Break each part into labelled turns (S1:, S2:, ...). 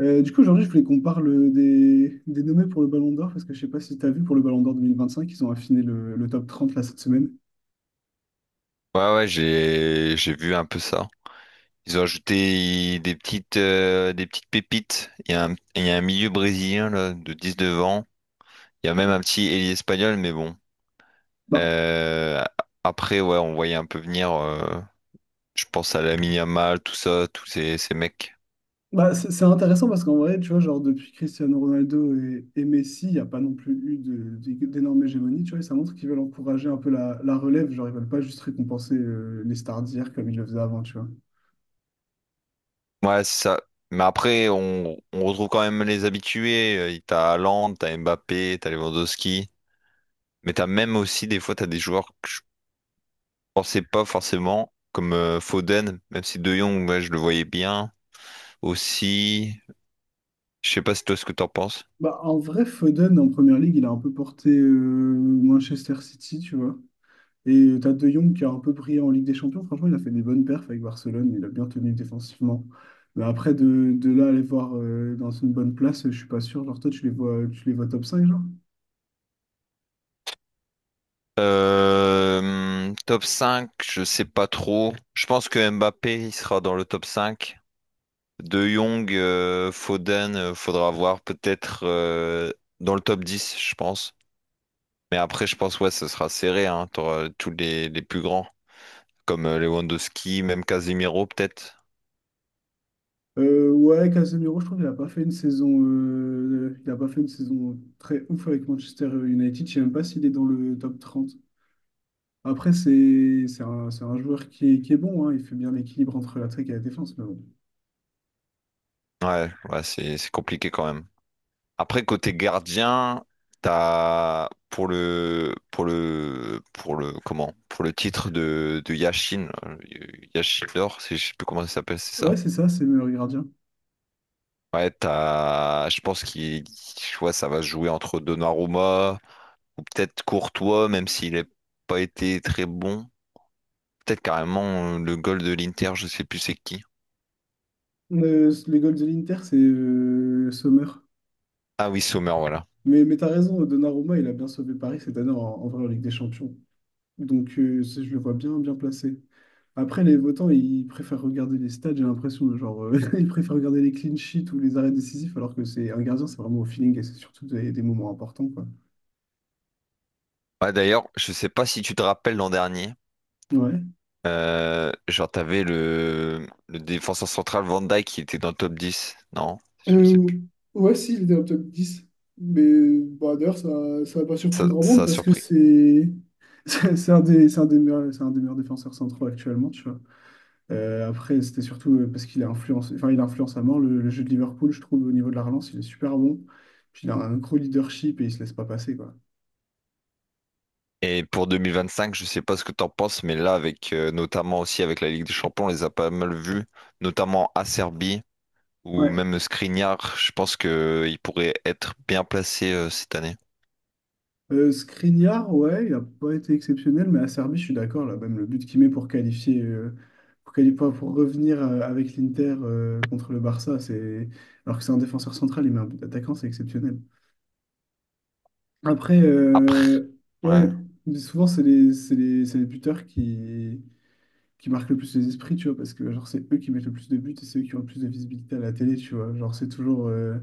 S1: Aujourd'hui, je voulais qu'on parle des nommés pour le Ballon d'Or, parce que je sais pas si tu as vu pour le Ballon d'Or 2025 ils ont affiné le top 30 là cette semaine.
S2: Ouais, ouais, j'ai vu un peu ça. Ils ont ajouté des petites pépites. Il y a un milieu brésilien là, de 19 ans. Il y a même un petit ailier espagnol, mais bon.
S1: Bah,
S2: Euh, Après, ouais, on voyait un peu venir. Je pense à Lamine Yamal, tout ça, tous ces mecs.
S1: c'est intéressant parce qu'en vrai, tu vois, genre depuis Cristiano Ronaldo et Messi, il n'y a pas non plus eu d'énorme hégémonie, tu vois, et ça montre qu'ils veulent encourager un peu la relève, genre ils veulent pas juste récompenser les stars d'hier comme ils le faisaient avant, tu vois.
S2: Ouais, c'est ça. Mais après, on retrouve quand même les habitués. T'as Haaland, t'as Mbappé, t'as Lewandowski. Mais t'as même aussi des fois t'as des joueurs. Pensais pas forcément, comme Foden, même si De Jong, ouais, je le voyais bien aussi. Je sais pas si toi ce que t'en penses.
S1: Bah, en vrai, Foden en première ligue, il a un peu porté Manchester City, tu vois. Et t'as De Jong qui a un peu brillé en Ligue des Champions. Franchement, il a fait des bonnes perfs avec Barcelone. Il a bien tenu défensivement. Mais après, de là, aller voir dans une bonne place, je suis pas sûr. Genre, toi, tu les vois top 5 genre?
S2: Top 5 je sais pas trop. Je pense que Mbappé il sera dans le top cinq. De Jong, Foden, faudra voir peut-être dans le top 10 je pense. Mais après, je pense ouais, ce sera serré, hein. T'auras tous les plus grands, comme Lewandowski, même Casemiro peut-être.
S1: Ouais, Casemiro, je trouve qu'il a pas fait une saison, il a pas fait une saison très ouf avec Manchester United. Je sais même pas s'il est dans le top 30. Après, c'est un joueur qui est bon, hein. Il fait bien l'équilibre entre l'attaque et la défense, mais bon.
S2: Ouais, ouais, c'est compliqué quand même. Après, côté gardien, t'as pour le titre de Yashin, Yashin d'or, c'est- je sais plus comment ça s'appelle, c'est
S1: Ouais,
S2: ça?
S1: c'est ça, c'est le meilleur gardien.
S2: Ouais, t'as, je pense qu'il, tu vois, ça va se jouer entre Donnarumma ou peut-être Courtois, même s'il n'a pas été très bon. Peut-être carrément le goal de l'Inter, je sais plus c'est qui.
S1: Les goals de l'Inter, c'est Sommer.
S2: Ah oui, Sommer, voilà.
S1: Mais t'as raison, Donnarumma, il a bien sauvé Paris cette année en vrai en Ligue des Champions. Je le vois bien, bien placé. Après, les votants, ils préfèrent regarder les stats, j'ai l'impression, hein. Ils préfèrent regarder les clean sheets ou les arrêts décisifs, alors que c'est un gardien, c'est vraiment au feeling et c'est surtout des moments importants, quoi.
S2: Ouais, d'ailleurs, je sais pas si tu te rappelles l'an dernier.
S1: Ouais.
S2: Genre, t'avais le défenseur central Van Dijk qui était dans le top 10. Non, je sais
S1: Euh,
S2: plus.
S1: ouais, si, il était dans le top 10. Mais bah, d'ailleurs, ça n'a pas surpris
S2: Ça,
S1: grand
S2: ça
S1: monde
S2: a
S1: parce que
S2: surpris.
S1: c'est c'est un des meilleurs défenseurs centraux actuellement, tu vois. Après, c'était surtout parce qu'il a influencé, enfin, il influence à mort le jeu de Liverpool, je trouve. Au niveau de la relance, il est super bon. Puis il a un gros leadership et il se laisse pas passer, quoi.
S2: Et pour 2025, je sais pas ce que t'en penses, mais là, avec notamment aussi avec la Ligue des Champions, on les a pas mal vus, notamment Acerbi ou
S1: Ouais.
S2: même Skriniar. Je pense que il pourrait être bien placé cette année.
S1: Skriniar, ouais, il a pas été exceptionnel, mais Acerbi, je suis d'accord, là, même le but qu'il met pour qualifier, pour quali- pour revenir avec l'Inter contre le Barça, c'est... alors que c'est un défenseur central, il met un but d'attaquant, c'est exceptionnel. Après,
S2: Après,
S1: euh,
S2: ouais,
S1: ouais, mais souvent, c'est les buteurs qui marquent le plus les esprits, tu vois, parce que genre c'est eux qui mettent le plus de buts et c'est eux qui ont le plus de visibilité à la télé, tu vois.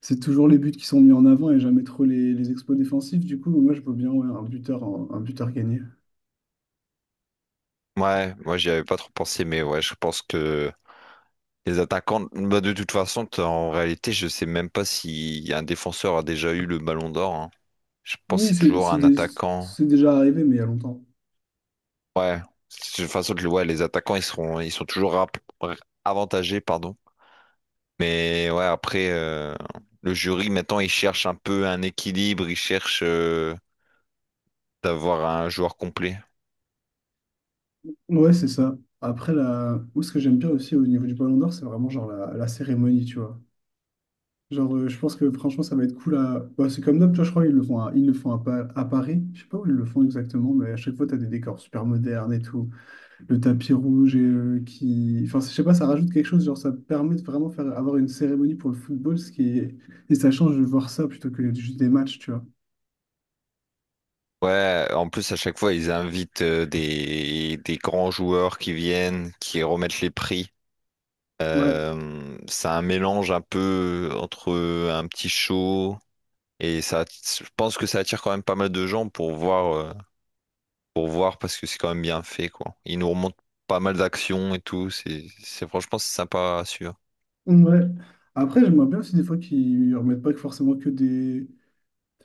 S1: C'est toujours les buts qui sont mis en avant et jamais trop les exploits défensifs. Du coup, moi je veux bien ouais, un buteur gagné.
S2: ouais, moi j'y avais pas trop pensé, mais ouais, je pense que les attaquants, bah, de toute façon, t'as- en réalité, je sais même pas si un défenseur a déjà eu le ballon d'or, hein. Je pense que
S1: Oui,
S2: c'est toujours un attaquant.
S1: c'est déjà arrivé, mais il y a longtemps.
S2: Ouais. De toute façon, le- ouais, les attaquants, ils sont toujours rap- avantagés, pardon. Mais ouais, après, le jury, maintenant, il cherche un peu un équilibre, il cherche d'avoir un joueur complet.
S1: Ouais, c'est ça. Après, là, où ce que j'aime bien aussi au niveau du Ballon d'Or, c'est vraiment genre la cérémonie, tu vois. Je pense que franchement, ça va être cool à... bah, c'est comme d'hab, tu vois, je crois qu'ils le font à, ils le font à, Pa- à Paris. Je sais pas où ils le font exactement, mais à chaque fois, t'as des décors super modernes et tout. Le tapis rouge et qui. Enfin, je sais pas, ça rajoute quelque chose, genre ça permet de vraiment faire avoir une cérémonie pour le football, ce qui est... Et ça change de voir ça plutôt que juste des matchs, tu vois.
S2: Ouais, en plus à chaque fois ils invitent des grands joueurs qui viennent, qui remettent les prix.
S1: Ouais.
S2: C'est un mélange un peu entre un petit show et ça, je pense que ça attire quand même pas mal de gens pour voir parce que c'est quand même bien fait quoi. Ils nous remontent pas mal d'actions et tout, c'est franchement c'est sympa à suivre.
S1: Ouais. Après, j'aimerais bien aussi des fois qu'ils remettent pas que forcément que des.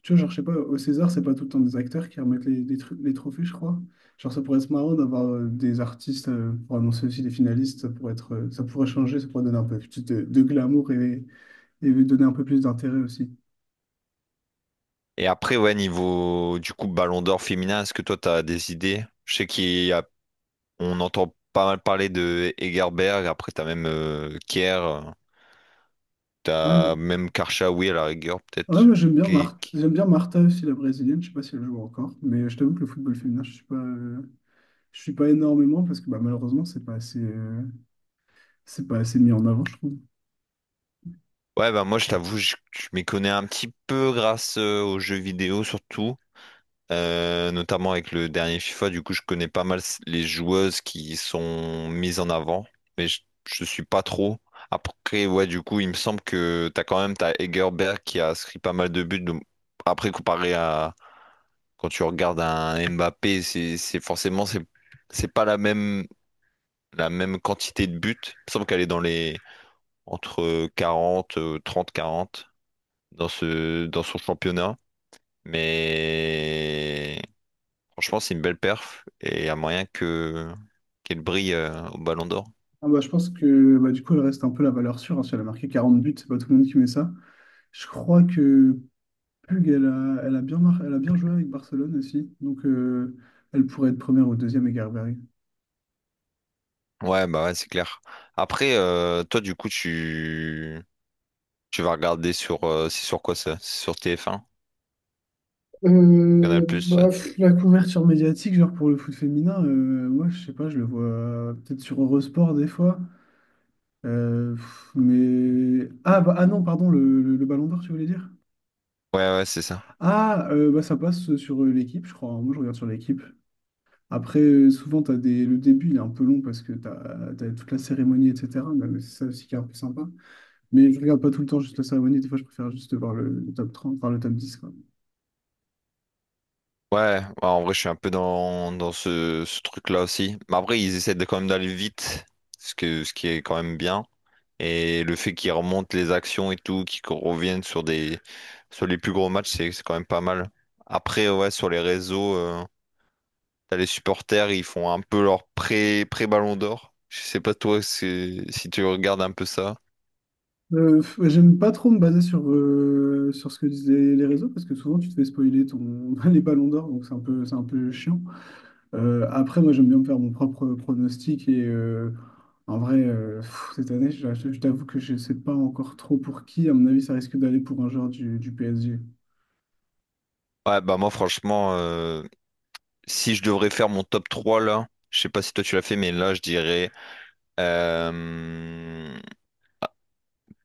S1: Tu vois, genre, je sais pas, au César, c'est pas tout le temps des acteurs qui remettent les trophées, je crois. Genre, ça pourrait être marrant d'avoir des artistes pour annoncer aussi les finalistes, ça pourrait ça pourrait changer, ça pourrait donner un peu plus de glamour et donner un peu plus d'intérêt aussi.
S2: Et après ouais niveau du coup Ballon d'Or féminin, est-ce que toi t'as des idées? Je sais qu'il y on entend pas mal parler de Egerberg, après t'as même Kier, t'as même Karchaoui à la rigueur
S1: Ouais,
S2: peut-être.
S1: moi
S2: qui- qui-
S1: J'aime bien Martha aussi, la brésilienne. Je sais pas si elle joue encore, mais je t'avoue que le football féminin, je suis pas énormément parce que bah, malheureusement c'est pas assez mis en avant, je trouve.
S2: Ouais bah moi je t'avoue je m'y connais un petit peu grâce aux jeux vidéo surtout, notamment avec le dernier FIFA, du coup je connais pas mal les joueuses qui sont mises en avant, mais je suis pas trop. Après ouais du coup il me semble que t'as quand même t'as Egerberg qui a inscrit pas mal de buts, donc après comparé à quand tu regardes un Mbappé, c'est forcément c'est pas la même quantité de buts. Il me semble qu'elle est dans les entre 40 30, 40 dans ce dans son championnat. Mais franchement, c'est une belle perf et il y a moyen que qu'elle brille au Ballon d'Or.
S1: Ah bah, je pense que bah, du coup elle reste un peu la valeur sûre, hein. Si elle a marqué 40 buts, c'est pas tout le monde qui met ça. Je crois que Pug, elle a bien joué avec Barcelone aussi, donc elle pourrait être première ou deuxième avec...
S2: Ouais, bah ouais, c'est clair. Après, toi, du coup, tu vas regarder sur c'est sur quoi ça? C'est sur TF1, Canal+.
S1: La couverture médiatique, genre pour le foot féminin, moi je sais pas, je le vois peut-être sur Eurosport des fois. Pff, mais. Ah, bah, ah non, pardon, le Ballon d'Or, tu voulais dire?
S2: Ouais, ouais, c'est ça.
S1: Ça passe sur l'équipe, je crois, hein. Moi je regarde sur l'équipe. Après, souvent, t'as des... le début il est un peu long parce que t'as toute la cérémonie, etc. Mais c'est ça aussi qui est un peu sympa. Mais je regarde pas tout le temps juste la cérémonie, des fois je préfère juste voir le top 30, enfin le top 10.
S2: Ouais, ouais, en vrai, je suis un peu dans, dans ce truc-là aussi. Mais après, ils essaient de, quand même d'aller vite, ce qui est quand même bien. Et le fait qu'ils remontent les actions et tout, qu'ils reviennent sur des, sur les plus gros matchs, c'est quand même pas mal. Après, ouais, sur les réseaux, t'as les supporters, ils font un peu leur pré-ballon d'or. Je sais pas toi c'est- si tu regardes un peu ça.
S1: Ouais, j'aime pas trop me baser sur, sur ce que disaient les réseaux parce que souvent tu te fais spoiler ton, les ballons d'or, donc c'est un peu chiant. Après, moi j'aime bien me faire mon propre pronostic et en vrai, cette année, je t'avoue que je sais pas encore trop pour qui. À mon avis, ça risque d'aller pour un joueur du PSG.
S2: Ouais, bah moi, franchement, si je devrais faire mon top 3 là, je sais pas si toi tu l'as fait, mais là, je dirais. Euh,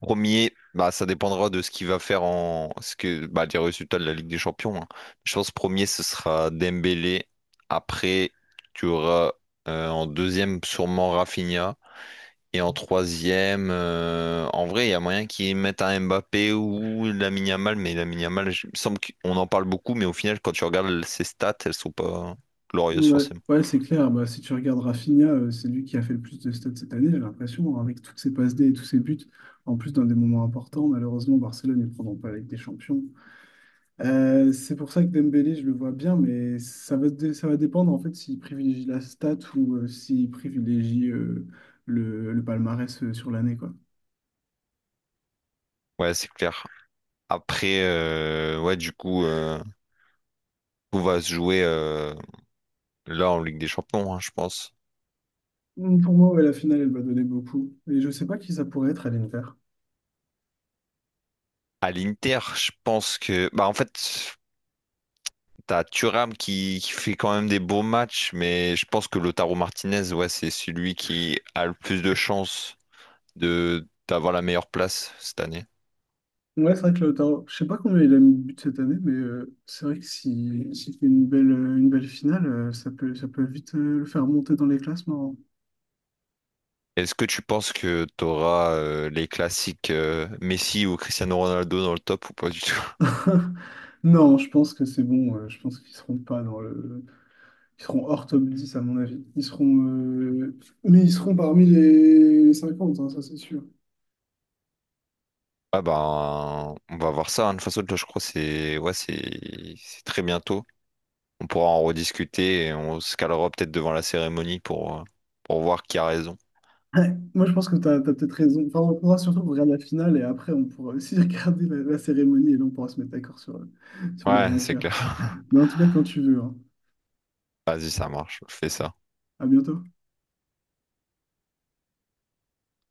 S2: Premier, bah, ça dépendra de ce qu'il va faire en ce que bah, des résultats de la Ligue des Champions, hein. Je pense premier, ce sera Dembélé. Après, tu auras en deuxième sûrement Rafinha. Et en troisième, en vrai, il y a moyen qu'ils mettent un Mbappé ou Lamine Yamal, mais Lamine Yamal, je- il me semble qu'on en parle beaucoup, mais au final, quand tu regardes ses stats, elles sont pas glorieuses
S1: Ouais,
S2: forcément.
S1: ouais, c'est clair. Bah, si tu regardes Rafinha, c'est lui qui a fait le plus de stats cette année, j'ai l'impression, hein, avec toutes ses passes D et tous ses buts. En plus, dans des moments importants, malheureusement, Barcelone ne prendront pas la Ligue des Champions. C'est pour ça que Dembélé, je le vois bien, mais ça va, ça va dépendre en fait s'il privilégie la stat ou s'il privilégie le palmarès sur l'année, quoi.
S2: Ouais, c'est clair. Après, ouais, du coup, tout va se jouer là en Ligue des Champions, hein, je pense.
S1: Mm, pour moi, ouais, la finale, elle va donner beaucoup. Et je sais pas qui ça pourrait être à l'Inter.
S2: À l'Inter, je pense que. Bah, en fait, t'as Thuram qui fait quand même des beaux matchs, mais je pense que Lautaro Martinez, ouais, c'est celui qui a le plus de chances de d'avoir la meilleure place cette année.
S1: Ouais, c'est vrai que Lautaro, je sais pas combien il a mis de buts cette année, mais c'est vrai que si, s'il fait une belle finale, ça peut vite le faire monter dans les classements.
S2: Est-ce que tu penses que t'auras les classiques Messi ou Cristiano Ronaldo dans le top ou pas du tout?
S1: Non, je pense que c'est bon. Je pense qu'ils seront pas dans le... Ils seront hors top 10 à mon avis. Mais ils seront parmi les 50, hein, ça c'est sûr.
S2: Ah ben, on va voir ça, hein. De toute façon, là, je crois que c'est ouais, c'est très bientôt. On pourra en rediscuter et on se calera peut-être devant la cérémonie pour voir qui a raison.
S1: Ouais, moi, je pense que tu as peut-être raison. Enfin, on pourra surtout regarder la finale et après, on pourra aussi regarder la cérémonie et là, on pourra se mettre d'accord sur, sur le
S2: Ouais, c'est
S1: vainqueur.
S2: clair.
S1: Mais en tout cas, quand tu veux, hein.
S2: Vas-y, ça marche, fais ça.
S1: À bientôt.